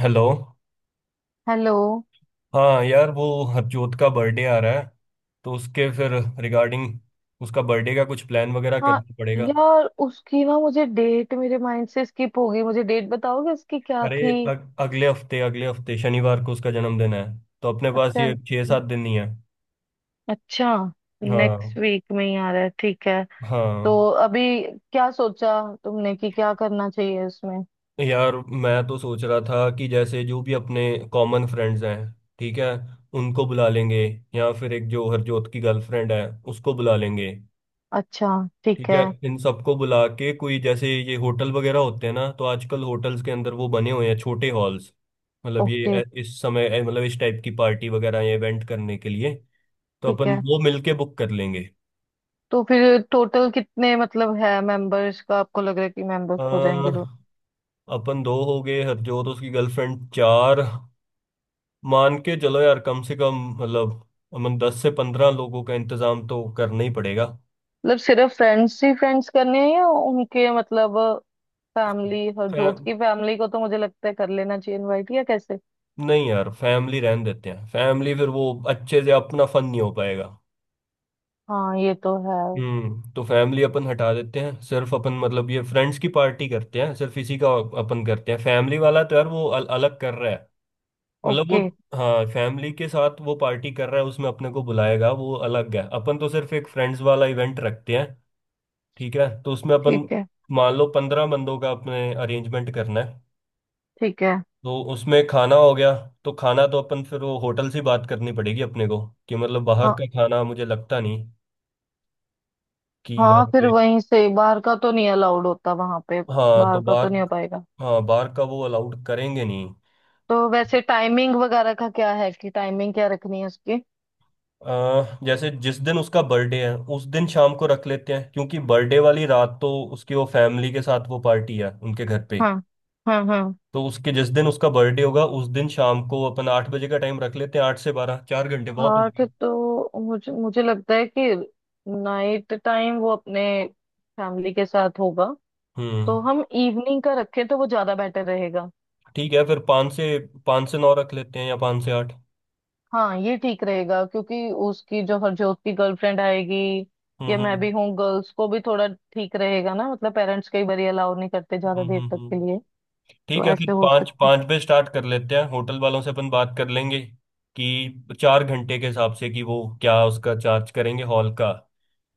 Hello. Hello. हाँ यार, वो हरजोत का बर्थडे आ रहा है, तो उसके फिर रिगार्डिंग उसका बर्थडे का कुछ प्लान वगैरह हाँ करना पड़ेगा। यार, उसकी ना मुझे डेट, मेरे माइंड से स्किप हो गई। मुझे डेट बताओगे उसकी क्या अरे, थी? अगले हफ्ते शनिवार को उसका जन्मदिन है, तो अपने पास अच्छा, ये 6-7 दिन ही है। अच्छा, हाँ, नेक्स्ट वीक में ही आ रहा है, ठीक है। तो हाँ, अभी क्या सोचा तुमने, कि क्या करना चाहिए उसमें? यार मैं तो सोच रहा था कि जैसे जो भी अपने कॉमन फ्रेंड्स हैं, ठीक है, उनको बुला लेंगे, या फिर एक जो हरजोत की गर्लफ्रेंड है, उसको बुला लेंगे। अच्छा। ठीक ठीक है, है। इन सबको बुला के कोई जैसे ये होटल वगैरह होते हैं ना, तो आजकल होटल्स के अंदर वो बने हुए हैं छोटे हॉल्स। मतलब ये ओके। इस समय मतलब इस टाइप की पार्टी वगैरह या इवेंट करने के लिए। तो ठीक अपन है, वो मिलके बुक कर लेंगे। तो फिर टोटल कितने, मतलब है मेंबर्स का, आपको लग रहा है कि मेंबर्स अ, हो जाएंगे तो? अपन दो हो गए, हरजोत, उसकी गर्लफ्रेंड, चार। मान के चलो यार, कम से कम, मतलब, अमन 10 से 15 लोगों का इंतजाम तो करना ही पड़ेगा। मतलब सिर्फ फ्रेंड्स ही फ्रेंड्स करने हैं या उनके मतलब फैमिली, और फै- जोत की फैमिली को तो मुझे लगता है कर लेना चाहिए इनवाइट, या कैसे? नहीं यार, फैमिली रहने देते हैं, फैमिली फिर वो अच्छे से अपना फन नहीं हो पाएगा। हाँ ये तो है। तो फैमिली अपन हटा देते हैं, सिर्फ अपन, मतलब ये फ्रेंड्स की पार्टी करते हैं, सिर्फ इसी का अपन करते हैं, फैमिली वाला तो यार वो अलग कर रहा है, मतलब वो। ओके। हाँ, फैमिली के साथ वो पार्टी कर रहा है, उसमें अपने को बुलाएगा वो अलग है, अपन तो सिर्फ एक फ्रेंड्स वाला इवेंट रखते हैं। ठीक है, तो उसमें अपन ठीक है। मान लो 15 बंदों का अपने अरेंजमेंट करना है। ठीक है। तो उसमें खाना हो गया, तो खाना तो अपन फिर वो होटल से बात करनी पड़ेगी अपने को, कि मतलब बाहर हाँ। का खाना मुझे लगता नहीं कि हाँ, वहाँ फिर पे। वहीं से, बाहर का तो नहीं अलाउड होता वहां पे। हाँ, तो बाहर का तो बाहर। नहीं हो पाएगा। हाँ, बार का वो अलाउड करेंगे नहीं। तो वैसे टाइमिंग वगैरह का क्या है, कि टाइमिंग क्या रखनी है उसकी? जैसे जिस दिन उसका बर्थडे है उस दिन शाम को रख लेते हैं, क्योंकि बर्थडे वाली रात तो उसकी वो फैमिली के साथ वो पार्टी है उनके घर पे। हाँ। हाँ। हाँ। तो उसके जिस दिन उसका बर्थडे होगा उस दिन शाम को अपन 8 बजे का टाइम रख लेते हैं, 8 से 12, 4 घंटे बहुत हो हाँ गए। ठीक, तो मुझे मुझे लगता है कि नाइट टाइम वो अपने फैमिली के साथ होगा। हम्म तो हम इवनिंग का रखें तो वो ज्यादा बेटर रहेगा। ठीक है, फिर पाँच से नौ रख लेते हैं या 5 से 8। हाँ ये ठीक रहेगा, क्योंकि उसकी, जो हरजोत की गर्लफ्रेंड आएगी, हम्म, या मैं हम्म, भी हूँ, गर्ल्स को भी थोड़ा ठीक रहेगा ना, मतलब पेरेंट्स कई बार अलाउ नहीं करते ज्यादा हम्म, देर हम्म, तक के लिए। ठीक तो है, कि ऐसे हो पाँच सकते। पाँच पे स्टार्ट कर लेते हैं, होटल वालों से अपन बात कर लेंगे कि 4 घंटे के हिसाब से कि वो क्या उसका चार्ज करेंगे हॉल का।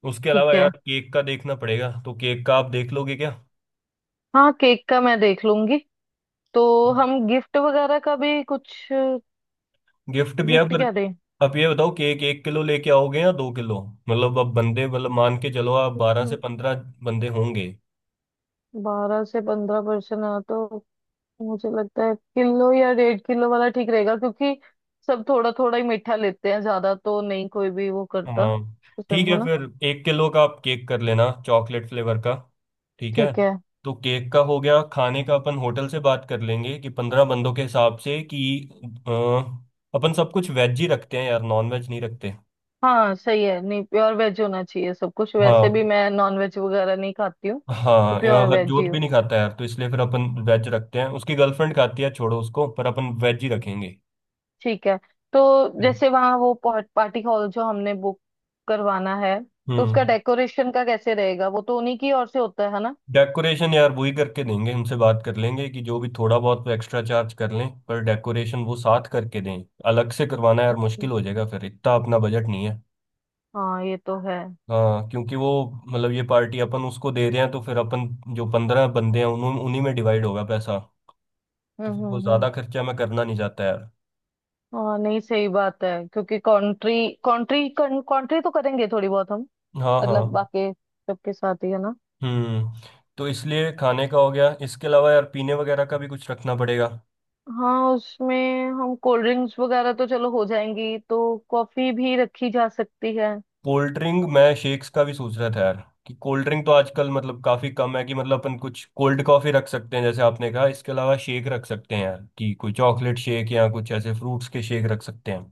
उसके ठीक अलावा है। यार केक का देखना पड़ेगा, तो केक का आप देख लोगे क्या? हाँ केक का मैं देख लूंगी। तो हम गिफ्ट वगैरह का भी कुछ, गिफ्ट भी है गिफ्ट पर, क्या दें? आप ये बताओ केक 1 किलो लेके आओगे या 2 किलो? मतलब अब बंदे मतलब मान के चलो, आप 12 से 15 बंदे होंगे। 12 से 15% आ तो, मुझे लगता है किलो या 1.5 किलो वाला ठीक रहेगा, क्योंकि सब थोड़ा थोड़ा ही मीठा लेते हैं, ज्यादा तो नहीं कोई भी वो करता हाँ ठीक पसंद है, है ना। फिर 1 किलो का आप केक कर लेना, चॉकलेट फ्लेवर का। ठीक है, ठीक है। तो केक का हो गया। खाने का अपन होटल से बात कर लेंगे कि 15 बंदों के हिसाब से कि अ, अपन सब कुछ वेज ही रखते हैं यार, नॉन वेज नहीं रखते। हाँ सही है, नहीं प्योर वेज होना चाहिए सब कुछ, वैसे भी हाँ, मैं नॉन वेज वगैरह नहीं खाती हूँ। तो हाँ यार प्योर वेज ही हरजोत भी हो। नहीं खाता यार, तो इसलिए फिर अपन वेज रखते हैं, उसकी गर्लफ्रेंड खाती है, छोड़ो उसको, पर अपन वेज ही रखेंगे। ठीक है। तो जैसे वहाँ वो पार्टी हॉल जो हमने बुक करवाना है, तो उसका हम्म डेकोरेशन का कैसे रहेगा, वो तो उन्हीं की ओर से होता है ना? डेकोरेशन यार वही करके देंगे, उनसे बात कर लेंगे कि जो भी थोड़ा बहुत तो एक्स्ट्रा चार्ज कर लें, पर डेकोरेशन वो साथ करके दें। अलग से करवाना यार ओके। मुश्किल हो जाएगा, फिर इतना अपना बजट नहीं है। हाँ ये तो है। हाँ, क्योंकि वो मतलब ये पार्टी अपन उसको दे रहे हैं, तो फिर अपन जो पंद्रह बंदे हैं उन्हीं में डिवाइड होगा पैसा। तो फिर वो हम्म। ज़्यादा खर्चा मैं करना नहीं चाहता यार। हाँ नहीं, सही बात है, क्योंकि कंट्री कंट्री कंट्री तो करेंगे थोड़ी बहुत हम, हाँ, हाँ। मतलब बाकी सबके साथ ही है ना। हम्म तो इसलिए खाने का हो गया, इसके अलावा यार पीने वगैरह का भी कुछ रखना पड़ेगा। हाँ उसमें हम कोल्ड ड्रिंक्स वगैरह तो चलो हो जाएंगी, तो कॉफी भी रखी जा सकती है। कोल्ड ड्रिंक, मैं शेक्स का भी सोच रहा था यार, कि कोल्ड ड्रिंक तो आजकल मतलब काफी कम है, कि मतलब अपन कुछ कोल्ड कॉफी रख सकते हैं जैसे आपने कहा, इसके अलावा शेक रख सकते हैं यार, कि कोई चॉकलेट शेक या कुछ ऐसे फ्रूट्स के शेक रख सकते हैं।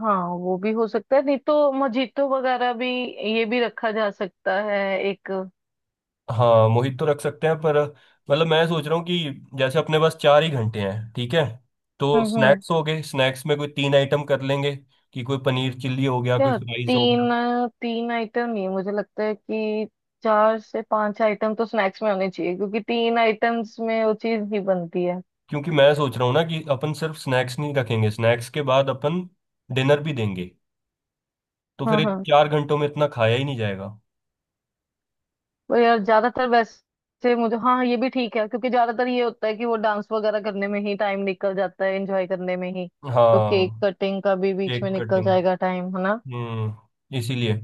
हाँ वो भी हो सकता है, नहीं तो मजीतो वगैरह भी ये भी रखा जा सकता है एक। हाँ, मोहित तो रख सकते हैं पर, मतलब मैं सोच रहा हूँ कि जैसे अपने पास 4 ही घंटे हैं, ठीक है, तो हम्म। स्नैक्स हो गए। स्नैक्स में कोई 3 आइटम कर लेंगे, कि कोई पनीर चिल्ली हो गया, कोई यार फ्राइज हो तीन गया। तीन आइटम नहीं, मुझे लगता है कि चार से पांच आइटम तो स्नैक्स में होने चाहिए, क्योंकि तीन आइटम्स में वो चीज नहीं बनती है। क्योंकि मैं सोच रहा हूँ ना कि अपन सिर्फ स्नैक्स नहीं रखेंगे, स्नैक्स के बाद अपन डिनर भी देंगे, तो फिर हाँ एक हाँ, 4 घंटों में इतना खाया ही नहीं जाएगा। पर यार ज्यादातर वैसे मुझे, हाँ ये भी ठीक है, क्योंकि ज्यादातर ये होता है कि वो डांस वगैरह करने में ही टाइम निकल जाता है, एंजॉय करने में ही। तो केक हाँ, कटिंग का भी बीच केक में निकल कटिंग। जाएगा टाइम, है ना? इसीलिए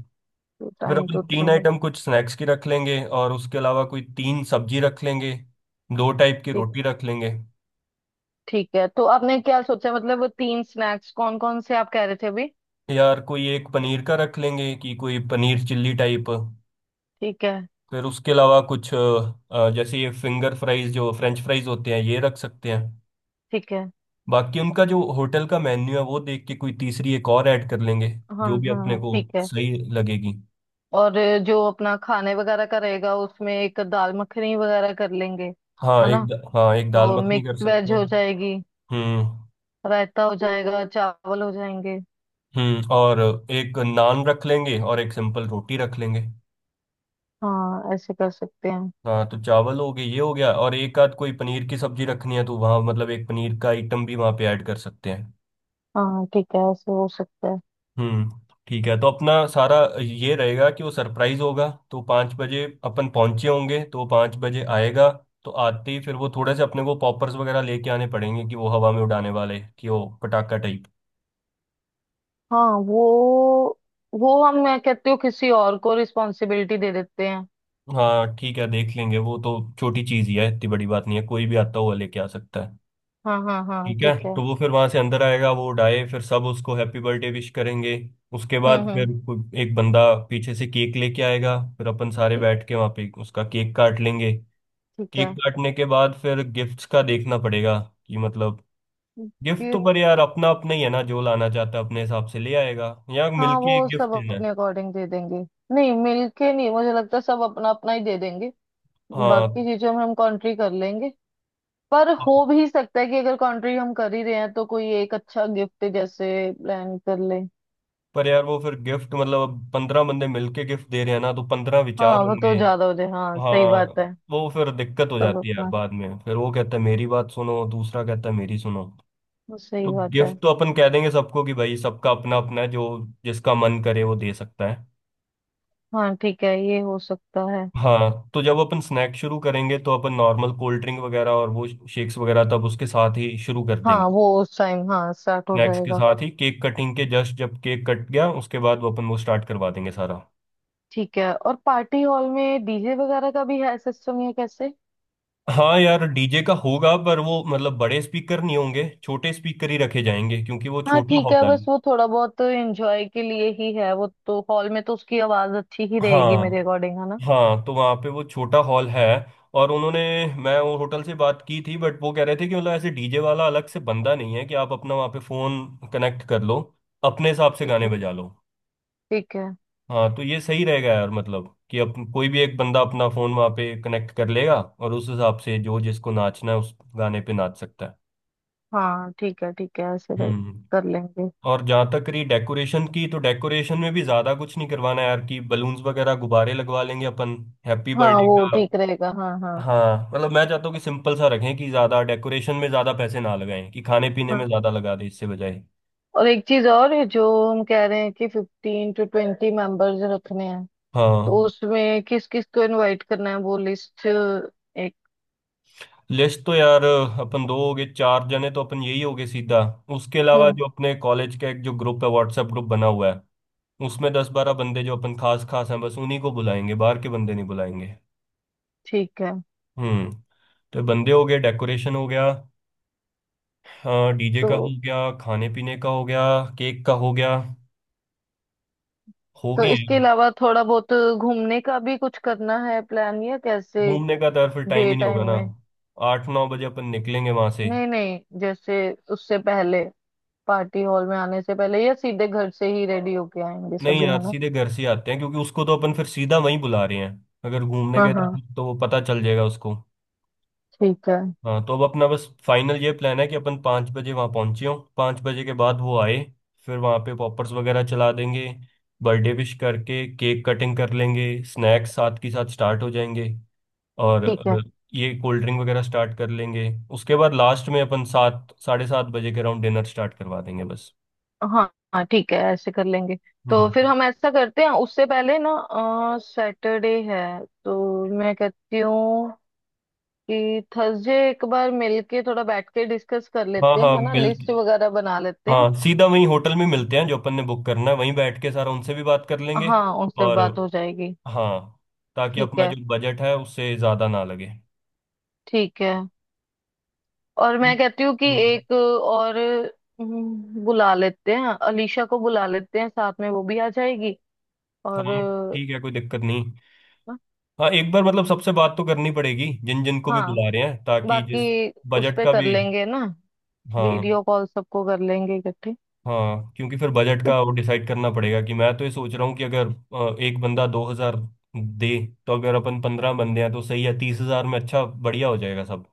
तो फिर टाइम तो अपन उतना तीन ही है। आइटम कुछ स्नैक्स की रख लेंगे, और उसके अलावा कोई 3 सब्जी रख लेंगे, दो टाइप की ठीक है। रोटी रख लेंगे। ठीक है, तो आपने क्या सोचा, मतलब वो तीन स्नैक्स कौन कौन से, आप कह रहे थे अभी? यार कोई एक पनीर का रख लेंगे, कि कोई पनीर चिल्ली टाइप। ठीक है। फिर उसके अलावा कुछ जैसे ये फिंगर फ्राइज जो फ्रेंच फ्राइज होते हैं, ये रख सकते हैं। ठीक है। बाकी उनका जो होटल का मेन्यू है वो देख के कोई तीसरी एक और ऐड कर लेंगे, हाँ जो भी हाँ अपने हाँ, को ठीक है। सही लगेगी। और जो अपना खाने वगैरह का रहेगा, उसमें एक दाल मखनी वगैरह कर लेंगे, हाँ, है ना? हाँ, एक दाल तो मखनी मिक्स कर सकते वेज हैं। हो जाएगी, हम्म, रायता हो जाएगा, चावल हो जाएंगे। हम्म। और एक नान रख लेंगे और एक सिंपल रोटी रख लेंगे। हाँ ऐसे कर सकते हैं। हाँ, तो चावल हो गए, ये हो गया, और एक आध कोई पनीर की सब्जी रखनी है, तो वहाँ मतलब एक पनीर का आइटम भी वहाँ पे ऐड कर सकते हैं। हाँ ठीक है, ऐसे हो सकता है। हम्म ठीक है, तो अपना सारा ये रहेगा कि वो सरप्राइज होगा, तो 5 बजे अपन पहुँचे होंगे, तो 5 बजे आएगा। तो आते ही फिर वो थोड़े से अपने को पॉपर्स वगैरह लेके आने पड़ेंगे, कि वो हवा में उड़ाने वाले, कि वो पटाखा टाइप। हाँ वो हम मैं कहती हूँ किसी और को रिस्पॉन्सिबिलिटी दे देते हैं। हाँ ठीक है, देख लेंगे वो तो, छोटी चीज ही है, इतनी बड़ी बात नहीं है, कोई भी आता हुआ लेके आ सकता है। हाँ हाँ हाँ, ठीक है, ठीक है। तो वो फिर वहां से अंदर आएगा, वो उड़ाए, फिर सब उसको हैप्पी बर्थडे विश करेंगे। उसके बाद फिर हम्म। एक बंदा पीछे से केक लेके आएगा, फिर अपन सारे ठीक। बैठ के वहां पे उसका केक काट लेंगे। ठीक केक है। काटने के बाद फिर गिफ्ट्स का देखना पड़ेगा, कि मतलब। गिफ्ट तो पर गिफ्ट। यार अपना अपना ही है ना, जो लाना चाहता है अपने हिसाब से ले आएगा, या हाँ मिलके एक वो गिफ्ट सब देना अपने है। अकॉर्डिंग दे देंगे। नहीं मिलके नहीं, मुझे लगता है सब अपना अपना ही दे देंगे। बाकी हाँ, चीजों में हम कॉन्ट्री कर लेंगे, पर हो भी सकता है कि अगर कॉन्ट्री हम कर ही रहे हैं, तो कोई एक अच्छा गिफ्ट जैसे प्लान कर ले। पर यार वो फिर गिफ्ट मतलब, अब 15 बंदे मिलके गिफ्ट दे रहे हैं ना, तो 15 विचार हाँ वो तो होंगे। ज्यादा हो जाए, हाँ सही बात हाँ, है। वो फिर दिक्कत हो सब जाती है यार, अपना, बाद में फिर वो कहता है मेरी बात सुनो, दूसरा कहता है मेरी सुनो। वो सही तो बात है। गिफ्ट तो अपन कह देंगे सबको कि भाई सबका अपना अपना है, जो जिसका मन करे वो दे सकता है। हाँ ठीक है, ये हो सकता है। हाँ, तो जब अपन स्नैक शुरू करेंगे तो अपन नॉर्मल कोल्ड ड्रिंक वगैरह और वो शेक्स वगैरह तब उसके साथ ही शुरू कर देंगे। हाँ वो उस टाइम हाँ स्टार्ट हो स्नैक्स के जाएगा। साथ ही, केक कटिंग के जस्ट जब केक कट गया उसके बाद, वो अपन वो स्टार्ट करवा देंगे सारा। ठीक है। और पार्टी हॉल में डीजे वगैरह का भी है सिस्टम, या कैसे? हाँ यार, डीजे का होगा पर वो मतलब बड़े स्पीकर नहीं होंगे, छोटे स्पीकर ही रखे जाएंगे, क्योंकि वो हाँ छोटा ठीक हॉल है, है। बस वो थोड़ा बहुत एंजॉय के लिए ही है, वो तो हॉल में तो उसकी आवाज अच्छी ही रहेगी मेरे हाँ, अकॉर्डिंग, है ना? हाँ, तो वहाँ पे वो छोटा हॉल है, और उन्होंने मैं वो होटल से बात की थी बट वो कह रहे थे कि मतलब ऐसे डीजे वाला अलग से बंदा नहीं है, कि आप अपना वहाँ पे फोन कनेक्ट कर लो, अपने हिसाब से ठीक गाने है। बजा लो। ठीक है। हाँ, तो ये सही रहेगा यार, मतलब कि अब कोई भी एक बंदा अपना फोन वहाँ पे कनेक्ट कर लेगा, और उस हिसाब से जो जिसको नाचना है उस गाने पे नाच सकता है। हाँ ठीक है, ठीक है, हम्म कर लेंगे। और जहाँ तक रही डेकोरेशन की, तो डेकोरेशन में भी ज़्यादा कुछ नहीं करवाना है यार, कि बलून्स वगैरह गुब्बारे लगवा लेंगे अपन, हैप्पी हाँ बर्थडे वो का। ठीक रहेगा, हाँ हाँ। हाँ, मतलब मैं चाहता हूँ कि सिंपल सा रखें, कि ज़्यादा डेकोरेशन में ज़्यादा पैसे ना लगाएं, कि खाने पीने में हाँ, ज़्यादा लगा दें इससे बजाय। और एक चीज और है, जो हम कह रहे हैं कि 15 से 20 मेंबर्स रखने हैं, तो हाँ, उसमें किस किस को इनवाइट करना है, वो लिस्ट एक। लिस्ट तो यार अपन दो हो गए, चार जने तो अपन यही हो गए सीधा। उसके अलावा हम्म। जो अपने कॉलेज का एक जो ग्रुप है, व्हाट्सएप ग्रुप बना हुआ है, उसमें 10-12 बंदे जो अपन खास खास हैं, बस उन्हीं को बुलाएंगे, बाहर के बंदे नहीं बुलाएंगे। ठीक है। हम्म तो बंदे हो गए, डेकोरेशन हो गया, हाँ डीजे का तो हो गया, खाने पीने का हो गया, केक का हो गया। हो तो गए इसके हैं। अलावा थोड़ा बहुत घूमने का भी कुछ करना है प्लान, या कैसे? घूमने का तो यार फिर टाइम डे ही नहीं टाइम होगा ना, में। 8-9 बजे अपन निकलेंगे वहां से। नहीं नहीं, जैसे उससे पहले पार्टी हॉल में आने से पहले, या सीधे घर से ही रेडी होके आएंगे नहीं सभी, यार, है ना? सीधे घर से ही आते हैं, क्योंकि उसको तो अपन फिर सीधा वहीं बुला रहे हैं, अगर घूमने हाँ गए हाँ। तो वो पता चल जाएगा उसको। ठीक है। हाँ, तो अब अपना बस फाइनल ये प्लान है कि अपन 5 बजे वहाँ पहुँचे हों, 5 बजे के बाद वो आए, फिर वहाँ पे पॉपर्स वगैरह चला देंगे, बर्थडे विश करके केक कटिंग कर लेंगे, स्नैक्स साथ के साथ स्टार्ट हो जाएंगे, और ठीक है। ये कोल्ड ड्रिंक वगैरह स्टार्ट कर लेंगे। उसके बाद लास्ट में अपन 7-7:30 बजे के अराउंड डिनर स्टार्ट करवा देंगे बस। हाँ हाँ, ठीक है, ऐसे कर लेंगे। तो हम्म। फिर हम ऐसा करते हैं उससे पहले ना, सैटरडे है, तो मैं कहती हूँ कि थर्सडे एक बार मिलके थोड़ा बैठ के डिस्कस कर हाँ, लेते हैं, हाँ, है ना, मिल लिस्ट वगैरह बना लेते हैं। हाँ, सीधा वहीं होटल में मिलते हैं, जो अपन ने बुक करना है, वहीं बैठ के सारा उनसे भी बात कर लेंगे। हाँ उनसे और, बात हो जाएगी। हाँ, ताकि ठीक अपना है। जो बजट है उससे ज़्यादा ना लगे। ठीक है। और मैं ठीक। कहती हूँ कि हम्म। एक और, बुला लेते हैं, अलीशा को बुला लेते हैं साथ में, वो भी आ जाएगी। और हाँ ठीक है, कोई दिक्कत नहीं। हाँ, एक बार मतलब सबसे बात तो करनी पड़ेगी जिन जिन को भी हाँ, बुला रहे हैं, ताकि जिस बाकी उस बजट पे का कर भी। लेंगे ना, हाँ, वीडियो कॉल सबको कर लेंगे इकट्ठे, ठीक हाँ, क्योंकि फिर बजट है? का वो डिसाइड करना पड़ेगा, कि मैं तो ये सोच रहा हूँ कि अगर एक बंदा 2,000 दे, तो अगर अपन 15 बंदे हैं तो सही है, 30,000 में अच्छा बढ़िया हो जाएगा सब।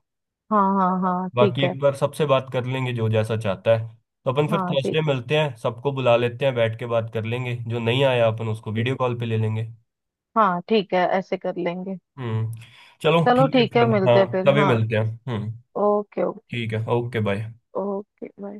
हाँ हाँ हाँ, बाकी ठीक है। एक बार सबसे बात कर लेंगे जो जैसा चाहता है। तो अपन फिर हाँ ठीक थर्सडे है। मिलते हैं, सबको बुला लेते हैं, बैठ के बात कर लेंगे, जो नहीं आया अपन उसको ठीक। वीडियो कॉल पे ले लेंगे। हाँ ठीक है, ऐसे कर लेंगे। हम्म। चलो चलो ठीक है, ठीक है, फिर हाँ मिलते हैं फिर, तभी हाँ। मिलते हैं। हम्म, ओके ओके। ठीक है, ओके बाय। Okay bye.